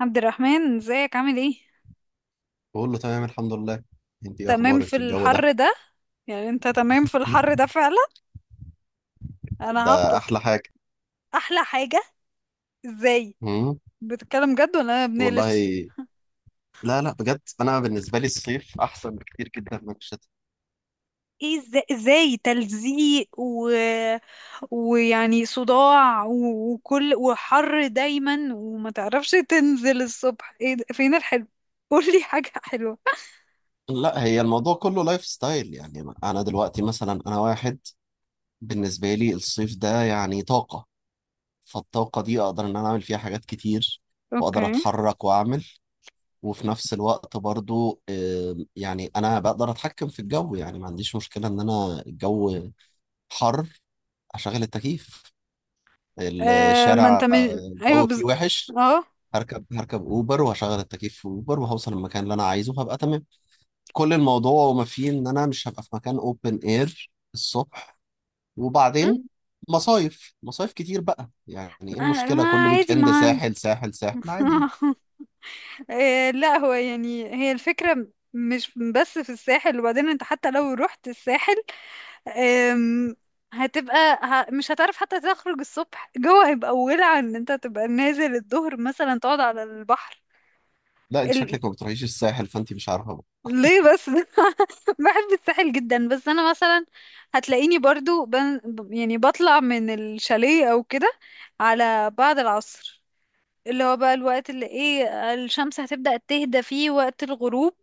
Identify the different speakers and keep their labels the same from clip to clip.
Speaker 1: عبد الرحمن، ازيك؟ عامل ايه؟
Speaker 2: بقول له تمام، الحمد لله. انت ايه
Speaker 1: تمام
Speaker 2: اخبارك
Speaker 1: في
Speaker 2: في الجو ده؟
Speaker 1: الحر ده؟ يعني انت تمام في الحر ده فعلا؟ انا
Speaker 2: ده
Speaker 1: هفطس.
Speaker 2: احلى حاجه.
Speaker 1: احلى حاجة؟ ازاي؟
Speaker 2: مم.
Speaker 1: بتتكلم جد ولا انا بنقلش؟
Speaker 2: والله. لا، لا، بجد انا بالنسبه لي الصيف احسن بكتير جدا من الشتاء.
Speaker 1: ايه ازاي تلزيق و... ويعني صداع وكل وحر دايما، وما تعرفش تنزل الصبح، ايه ده؟ فين الحلو؟ قولي حاجة حلوة.
Speaker 2: لا، هي الموضوع كله لايف ستايل، يعني انا دلوقتي مثلا انا واحد. بالنسبه لي الصيف ده يعني طاقه. فالطاقه دي اقدر ان انا اعمل فيها حاجات كتير.
Speaker 1: اوكي.
Speaker 2: واقدر اتحرك واعمل. وفي نفس الوقت برضو يعني انا بقدر اتحكم في الجو، يعني ما عنديش مشكله ان انا الجو حر اشغل التكييف.
Speaker 1: آه، ما انت
Speaker 2: الشارع،
Speaker 1: من... ايوه،
Speaker 2: الجو فيه وحش.
Speaker 1: اه.
Speaker 2: هركب اوبر وهشغل التكييف في اوبر، وهوصل المكان اللي انا عايزه وهبقى تمام. كل الموضوع وما فيه ان انا مش هبقى في مكان اوبن اير الصبح. وبعدين
Speaker 1: م؟
Speaker 2: مصايف مصايف كتير بقى، يعني ايه
Speaker 1: آه،
Speaker 2: المشكلة؟
Speaker 1: ما
Speaker 2: كل ويك
Speaker 1: عادي
Speaker 2: اند
Speaker 1: ما.
Speaker 2: ساحل ساحل ساحل، عادي يعني.
Speaker 1: إيه، لا هو يعني هي الفكرة مش بس في الساحل، وبعدين انت حتى لو رحت الساحل، أم، هتبقى مش هتعرف حتى تخرج الصبح، جوه هيبقى ولع ان انت تبقى نازل الظهر مثلا تقعد على البحر.
Speaker 2: لا، انت
Speaker 1: ال...
Speaker 2: شكلك ما بتروحيش الساحل فانت مش عارفة بقى.
Speaker 1: ليه بس؟ بحب الساحل جدا، بس انا مثلا هتلاقيني برضو يعني بطلع من الشاليه او كده على بعد العصر، اللي هو بقى الوقت اللي ايه الشمس هتبدأ تهدى فيه وقت الغروب،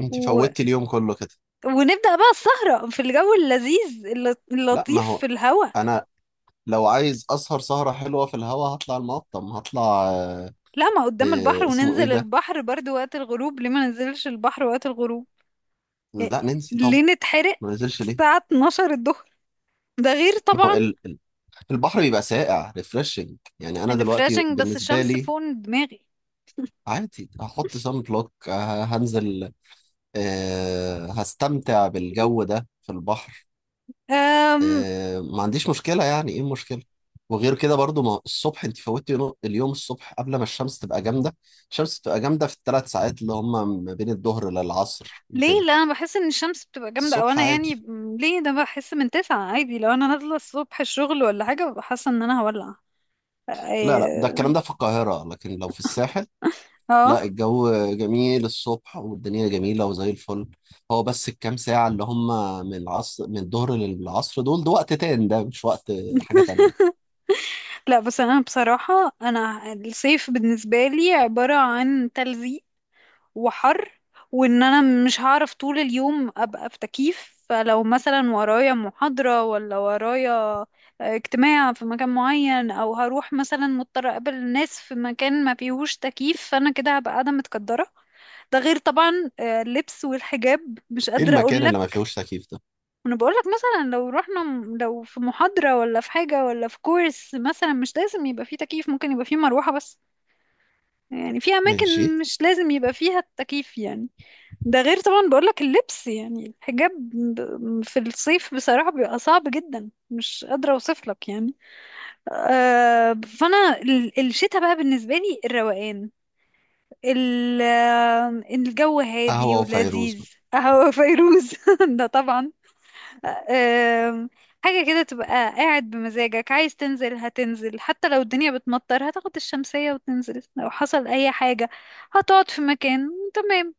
Speaker 2: انت فوتي اليوم كله كده.
Speaker 1: ونبدأ بقى السهرة في الجو اللذيذ
Speaker 2: لا، ما
Speaker 1: اللطيف
Speaker 2: هو
Speaker 1: في الهوا.
Speaker 2: انا لو عايز اسهر سهرة حلوة في الهوا هطلع المقطم هطلع. آه،
Speaker 1: لا، ما قدام البحر
Speaker 2: اسمه ايه
Speaker 1: وننزل
Speaker 2: ده؟
Speaker 1: البحر برضو وقت الغروب، ليه ما ننزلش البحر وقت الغروب؟ يعني
Speaker 2: لا ننسى.
Speaker 1: ليه نتحرق
Speaker 2: ما نزلش ليه؟
Speaker 1: الساعة 12 الظهر؟ ده غير
Speaker 2: ما هو
Speaker 1: طبعا.
Speaker 2: البحر بيبقى ساقع ريفرشنج، يعني انا دلوقتي
Speaker 1: الريفراشنج بس
Speaker 2: بالنسبه
Speaker 1: الشمس
Speaker 2: لي
Speaker 1: فوق دماغي.
Speaker 2: عادي. هحط سان بلوك هنزل. هستمتع بالجو ده في البحر.
Speaker 1: أم...
Speaker 2: ما عنديش مشكله، يعني ايه المشكله؟ وغير كده برضو، ما الصبح انت فوتي اليوم الصبح قبل ما الشمس تبقى جامده. الشمس تبقى جامده في ال3 ساعات اللي هم ما بين الظهر للعصر
Speaker 1: ليه؟
Speaker 2: وكده.
Speaker 1: لا، انا بحس ان الشمس بتبقى جامدة، او
Speaker 2: الصبح
Speaker 1: انا يعني
Speaker 2: عادي.
Speaker 1: ليه ده؟ بحس من تسعة عادي، لو انا نازلة الصبح الشغل ولا حاجة ببقى حاسة ان انا هولع.
Speaker 2: لا، لا، ده الكلام
Speaker 1: اه.
Speaker 2: ده في القاهره لكن لو في الساحل
Speaker 1: آه.
Speaker 2: لا، الجو جميل الصبح والدنيا جميلة وزي الفل. هو بس الكام ساعة اللي هم من العصر، من الظهر للعصر دول، ده وقت تاني ده مش وقت حاجة تانية.
Speaker 1: لا، بس انا بصراحة انا الصيف بالنسبة لي عبارة عن تلزيق وحر، وان انا مش هعرف طول اليوم ابقى في تكييف. فلو مثلا ورايا محاضرة ولا ورايا اجتماع في مكان معين، او هروح مثلا مضطرة اقابل ناس في مكان ما فيهوش تكييف، فانا كده هبقى قاعدة متكدرة. ده غير طبعا اللبس والحجاب مش
Speaker 2: ايه
Speaker 1: قادرة
Speaker 2: المكان اللي ما
Speaker 1: اقولك.
Speaker 2: فيهوش تكييف ده؟
Speaker 1: وانا بقولك مثلا لو رحنا لو في محاضرة ولا في حاجة ولا في كورس مثلا مش لازم يبقى فيه تكييف، ممكن يبقى فيه مروحة بس. يعني في
Speaker 2: ماشي.
Speaker 1: اماكن مش لازم يبقى فيها التكييف يعني. ده غير طبعا بقولك اللبس، يعني الحجاب في الصيف بصراحة بيبقى صعب جدا، مش قادرة اوصفلك يعني. آه، فانا الشتاء بقى بالنسبة لي الروقان، الجو هادي
Speaker 2: قهوة وفيروز
Speaker 1: ولذيذ.
Speaker 2: بقى.
Speaker 1: قهوة فيروز. ده طبعا. أم، حاجة كده تبقى قاعد بمزاجك، عايز تنزل هتنزل، حتى لو الدنيا بتمطر هتاخد الشمسية وتنزل، لو حصل أي حاجة هتقعد في مكان. تمام.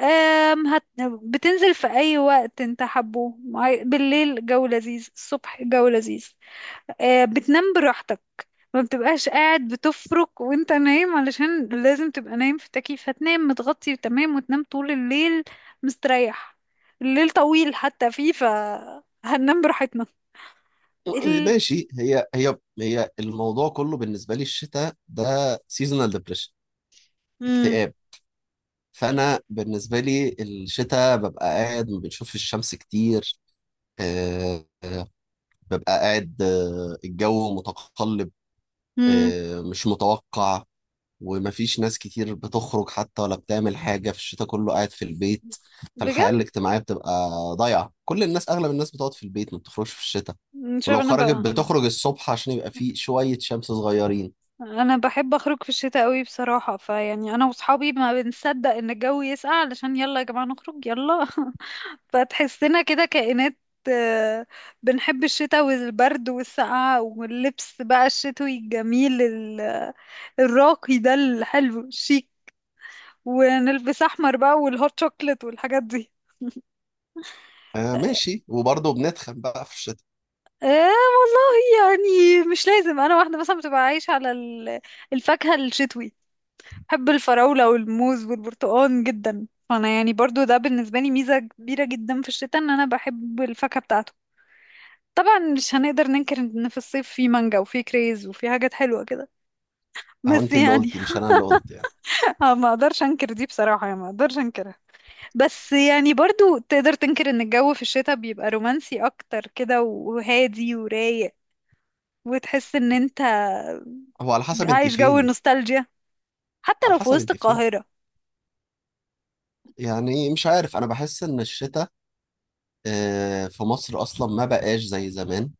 Speaker 1: أم هت... بتنزل في أي وقت انت حبه، بالليل جو لذيذ، الصبح جو لذيذ، آه، بتنام براحتك، ما بتبقاش قاعد بتفرك وانت نايم علشان لازم تبقى نايم في التكييف. هتنام متغطي تمام، وتنام طول الليل مستريح. الليل طويل حتى فيه، فهننام براحتنا. ال...
Speaker 2: ماشي، هي الموضوع كله بالنسبة لي الشتاء ده سيزونال ديبريشن،
Speaker 1: مم.
Speaker 2: اكتئاب. فأنا بالنسبة لي الشتاء ببقى قاعد ما بنشوفش الشمس كتير. آه، آه، ببقى قاعد، الجو متقلب،
Speaker 1: مم.
Speaker 2: مش متوقع. ومفيش ناس كتير بتخرج حتى ولا بتعمل حاجة، في الشتاء كله قاعد في البيت.
Speaker 1: بجد.
Speaker 2: فالحياة الاجتماعية بتبقى ضايعة، كل الناس أغلب الناس بتقعد في البيت ما بتخرجش في الشتاء.
Speaker 1: مش
Speaker 2: ولو
Speaker 1: عارفة انا
Speaker 2: خرجت بتخرج الصبح عشان يبقى فيه شوية شمس صغيرين.
Speaker 1: انا بحب اخرج في الشتاء قوي بصراحة. فيعني انا واصحابي ما بنصدق ان الجو يسقع علشان يلا يا جماعة نخرج، يلا. فتحسنا كده كائنات، آه، بنحب الشتاء والبرد والسقعة واللبس بقى الشتوي الجميل، الراقي ده الحلو الشيك، ونلبس أحمر بقى، والهوت شوكليت، والحاجات دي.
Speaker 2: آه ماشي، وبرضه بنتخن بقى في الشتاء.
Speaker 1: آه والله، يعني مش لازم. أنا واحدة مثلا بتبقى عايشة على الفاكهة الشتوي، بحب الفراولة والموز والبرتقال جدا. فأنا يعني برضو ده بالنسبة لي ميزة كبيرة جدا في الشتاء، إن أنا بحب الفاكهة بتاعته. طبعا مش هنقدر ننكر ان في الصيف في مانجا وفي كريز وفي حاجات حلوة كده،
Speaker 2: أهو
Speaker 1: بس
Speaker 2: أنت اللي
Speaker 1: يعني.
Speaker 2: قلتي مش أنا اللي قلت يعني.
Speaker 1: آه، ما اقدرش انكر دي بصراحة، يعني ما اقدرش انكرها. بس يعني برضو تقدر تنكر ان الجو في الشتاء بيبقى رومانسي اكتر كده وهادي ورايق، وتحس ان انت
Speaker 2: هو على حسب أنت
Speaker 1: عايش جو
Speaker 2: فين.
Speaker 1: النوستالجيا حتى
Speaker 2: على
Speaker 1: لو في
Speaker 2: حسب
Speaker 1: وسط
Speaker 2: أنت فين،
Speaker 1: القاهرة.
Speaker 2: يعني مش عارف أنا بحس إن الشتاء في مصر أصلا ما بقاش زي زمان.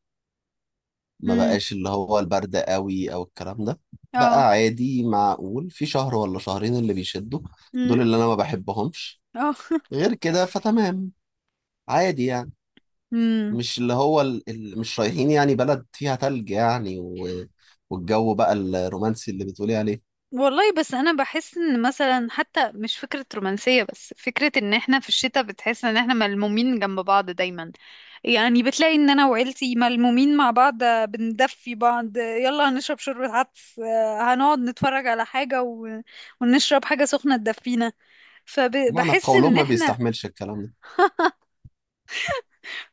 Speaker 2: ما
Speaker 1: امم.
Speaker 2: بقاش اللي هو البرد قوي او الكلام ده.
Speaker 1: اه.
Speaker 2: بقى عادي، معقول في شهر ولا شهرين اللي بيشدوا،
Speaker 1: امم.
Speaker 2: دول اللي انا ما بحبهمش.
Speaker 1: اه.
Speaker 2: غير كده فتمام، عادي يعني.
Speaker 1: امم.
Speaker 2: مش اللي هو مش رايحين يعني بلد فيها تلج يعني والجو بقى الرومانسي اللي بتقولي عليه.
Speaker 1: والله بس انا بحس ان مثلا حتى مش فكرة رومانسية بس فكرة ان احنا في الشتاء بتحس ان احنا ملمومين جنب بعض دايما. يعني بتلاقي ان انا وعيلتي ملمومين مع بعض، آه، بندفي بعض، آه، يلا هنشرب شوربة عدس، آه، هنقعد نتفرج على حاجة و... ونشرب حاجة سخنة تدفينا.
Speaker 2: معنى
Speaker 1: فبحس
Speaker 2: قولهم
Speaker 1: ان
Speaker 2: ما
Speaker 1: احنا،
Speaker 2: بيستحملش الكلام ده.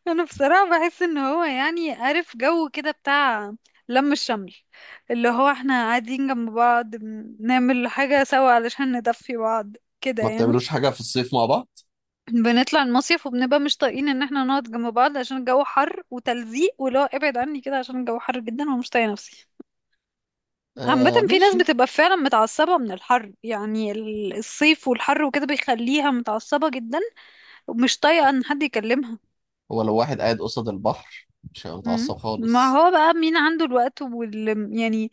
Speaker 1: انا بصراحة بحس ان هو يعني عارف جو كده بتاع لم الشمل، اللي هو احنا قاعدين جنب بعض بنعمل حاجة سوا علشان ندفي بعض كده
Speaker 2: ما
Speaker 1: يعني.
Speaker 2: بتعملوش حاجة في الصيف مع بعض؟
Speaker 1: بنطلع المصيف وبنبقى مش طايقين ان احنا نقعد جنب بعض عشان الجو حر وتلزيق، ولو ابعد عني كده عشان الجو حر جدا ومش طايقة نفسي. عامة
Speaker 2: آه
Speaker 1: في ناس
Speaker 2: ماشي.
Speaker 1: بتبقى فعلا متعصبة من الحر، يعني الصيف والحر وكده بيخليها متعصبة جدا، ومش طايقة ان حد يكلمها.
Speaker 2: هو لو واحد قاعد قصاد البحر مش هيبقى
Speaker 1: مم.
Speaker 2: متعصب
Speaker 1: ما
Speaker 2: خالص.
Speaker 1: هو بقى مين عنده الوقت وال يعني،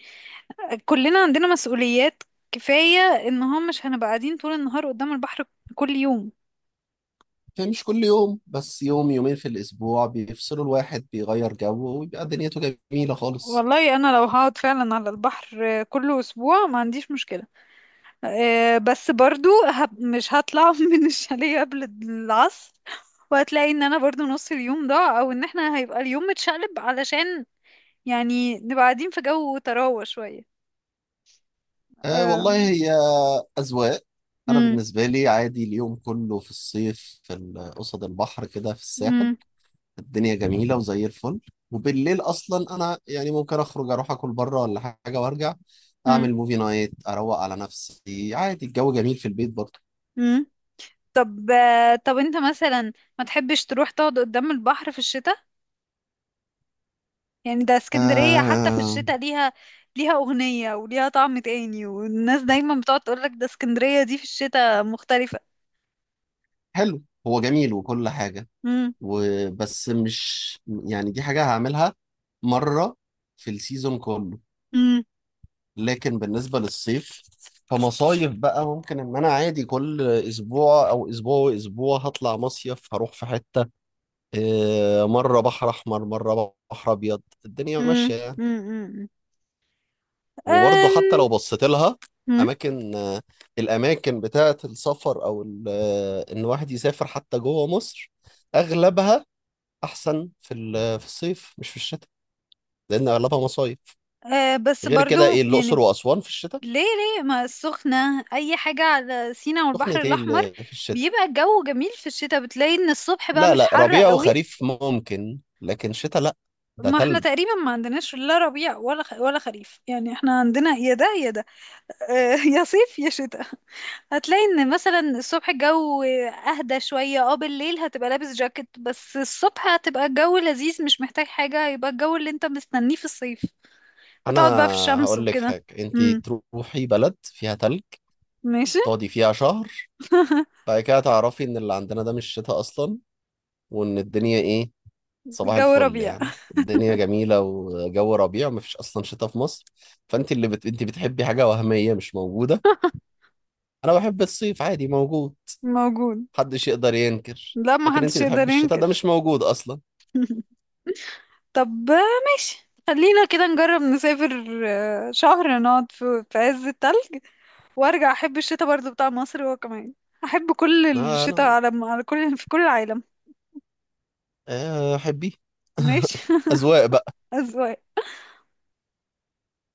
Speaker 1: كلنا عندنا مسؤوليات. كفاية ان هم مش هنبقى قاعدين طول النهار قدام البحر كل يوم.
Speaker 2: يعني مش كل يوم، بس يوم يومين في الأسبوع بيفصلوا، الواحد بيغير جو ويبقى دنيته جميلة خالص.
Speaker 1: والله انا لو هقعد فعلا على البحر كل اسبوع ما عنديش مشكلة، آه، بس برضو مش هطلع من الشاليه قبل العصر، وهتلاقي ان انا برضو نص اليوم ضاع، او ان احنا هيبقى اليوم متشقلب علشان يعني نبقى قاعدين في جو طراوة شوية.
Speaker 2: آه
Speaker 1: آه.
Speaker 2: والله، هي أذواق. أنا
Speaker 1: مم.
Speaker 2: بالنسبة لي عادي اليوم كله في الصيف في قصد البحر كده في الساحل.
Speaker 1: مم.
Speaker 2: الدنيا جميلة وزي الفل. وبالليل أصلا أنا يعني ممكن أخرج أروح أكل بره ولا حاجة وأرجع.
Speaker 1: مم.
Speaker 2: أعمل موفي نايت أروق على نفسي، عادي الجو جميل في البيت برضه.
Speaker 1: مم. طب طب انت مثلا ما تحبش تروح تقعد قدام البحر في الشتاء؟ يعني ده اسكندرية حتى في
Speaker 2: آه
Speaker 1: الشتاء ليها، ليها أغنية وليها طعم تاني، والناس دايما بتقعد تقولك ده اسكندرية دي في الشتاء مختلفة.
Speaker 2: حلو، هو جميل وكل حاجة.
Speaker 1: مم.
Speaker 2: وبس مش، يعني دي حاجة هعملها مرة في السيزون كله.
Speaker 1: مم.
Speaker 2: لكن بالنسبة للصيف فمصايف بقى، ممكن ان انا عادي كل اسبوع او اسبوع واسبوع هطلع مصيف هروح في حتة، مرة بحر احمر مرة بحر ابيض، الدنيا
Speaker 1: مم.
Speaker 2: ماشية يعني.
Speaker 1: مم. مم.
Speaker 2: وبرضه حتى
Speaker 1: أم.
Speaker 2: لو بصيت لها
Speaker 1: مم.
Speaker 2: اماكن آه، الاماكن بتاعة السفر او ان الواحد يسافر حتى جوه مصر، اغلبها احسن في في الصيف مش في الشتاء، لان اغلبها مصايف.
Speaker 1: أه بس
Speaker 2: غير
Speaker 1: برضو
Speaker 2: كده، ايه الاقصر
Speaker 1: يعني
Speaker 2: واسوان في الشتاء؟
Speaker 1: ليه؟ ليه ما السخنة أي حاجة على سينا والبحر
Speaker 2: سخنة ايه
Speaker 1: الأحمر
Speaker 2: اللي في الشتاء؟
Speaker 1: بيبقى الجو جميل في الشتاء؟ بتلاقي إن الصبح بقى
Speaker 2: لا،
Speaker 1: مش
Speaker 2: لا،
Speaker 1: حر
Speaker 2: ربيع
Speaker 1: قوي.
Speaker 2: وخريف ممكن لكن شتاء لا، ده
Speaker 1: ما احنا
Speaker 2: تلج.
Speaker 1: تقريبا ما عندناش لا ربيع ولا ولا خريف، يعني احنا عندنا يا ده يا ده، آه، يا صيف يا شتاء. هتلاقي ان مثلا الصبح الجو اهدى شوية، اه، بالليل هتبقى لابس جاكيت بس الصبح هتبقى الجو لذيذ مش محتاج حاجة، هيبقى الجو اللي انت مستنيه في الصيف،
Speaker 2: انا
Speaker 1: فتقعد بقى في الشمس
Speaker 2: هقول لك
Speaker 1: وكده.
Speaker 2: حاجه، انت
Speaker 1: امم.
Speaker 2: تروحي بلد فيها تلج
Speaker 1: ماشي.
Speaker 2: تقعدي فيها شهر، بعد كده تعرفي ان اللي عندنا ده مش شتاء اصلا. وان الدنيا ايه؟ صباح
Speaker 1: الجو
Speaker 2: الفل،
Speaker 1: ربيع
Speaker 2: يعني الدنيا جميله وجو ربيع ومفيش اصلا شتاء في مصر. انت بتحبي حاجه وهميه مش موجوده. انا بحب الصيف، عادي موجود،
Speaker 1: موجود.
Speaker 2: محدش يقدر ينكر.
Speaker 1: لا، ما
Speaker 2: لكن انت
Speaker 1: حدش
Speaker 2: بتحبي
Speaker 1: يقدر
Speaker 2: الشتاء ده
Speaker 1: ينكر.
Speaker 2: مش موجود اصلا.
Speaker 1: طب ماشي، خلينا كده نجرب نسافر شهر، نقعد في عز التلج، وارجع احب الشتاء برضو بتاع مصر هو كمان. احب كل
Speaker 2: لا،
Speaker 1: الشتاء
Speaker 2: لا،
Speaker 1: على كل، في كل العالم.
Speaker 2: احبيه.
Speaker 1: ماشي.
Speaker 2: اذواق بقى.
Speaker 1: اذواق.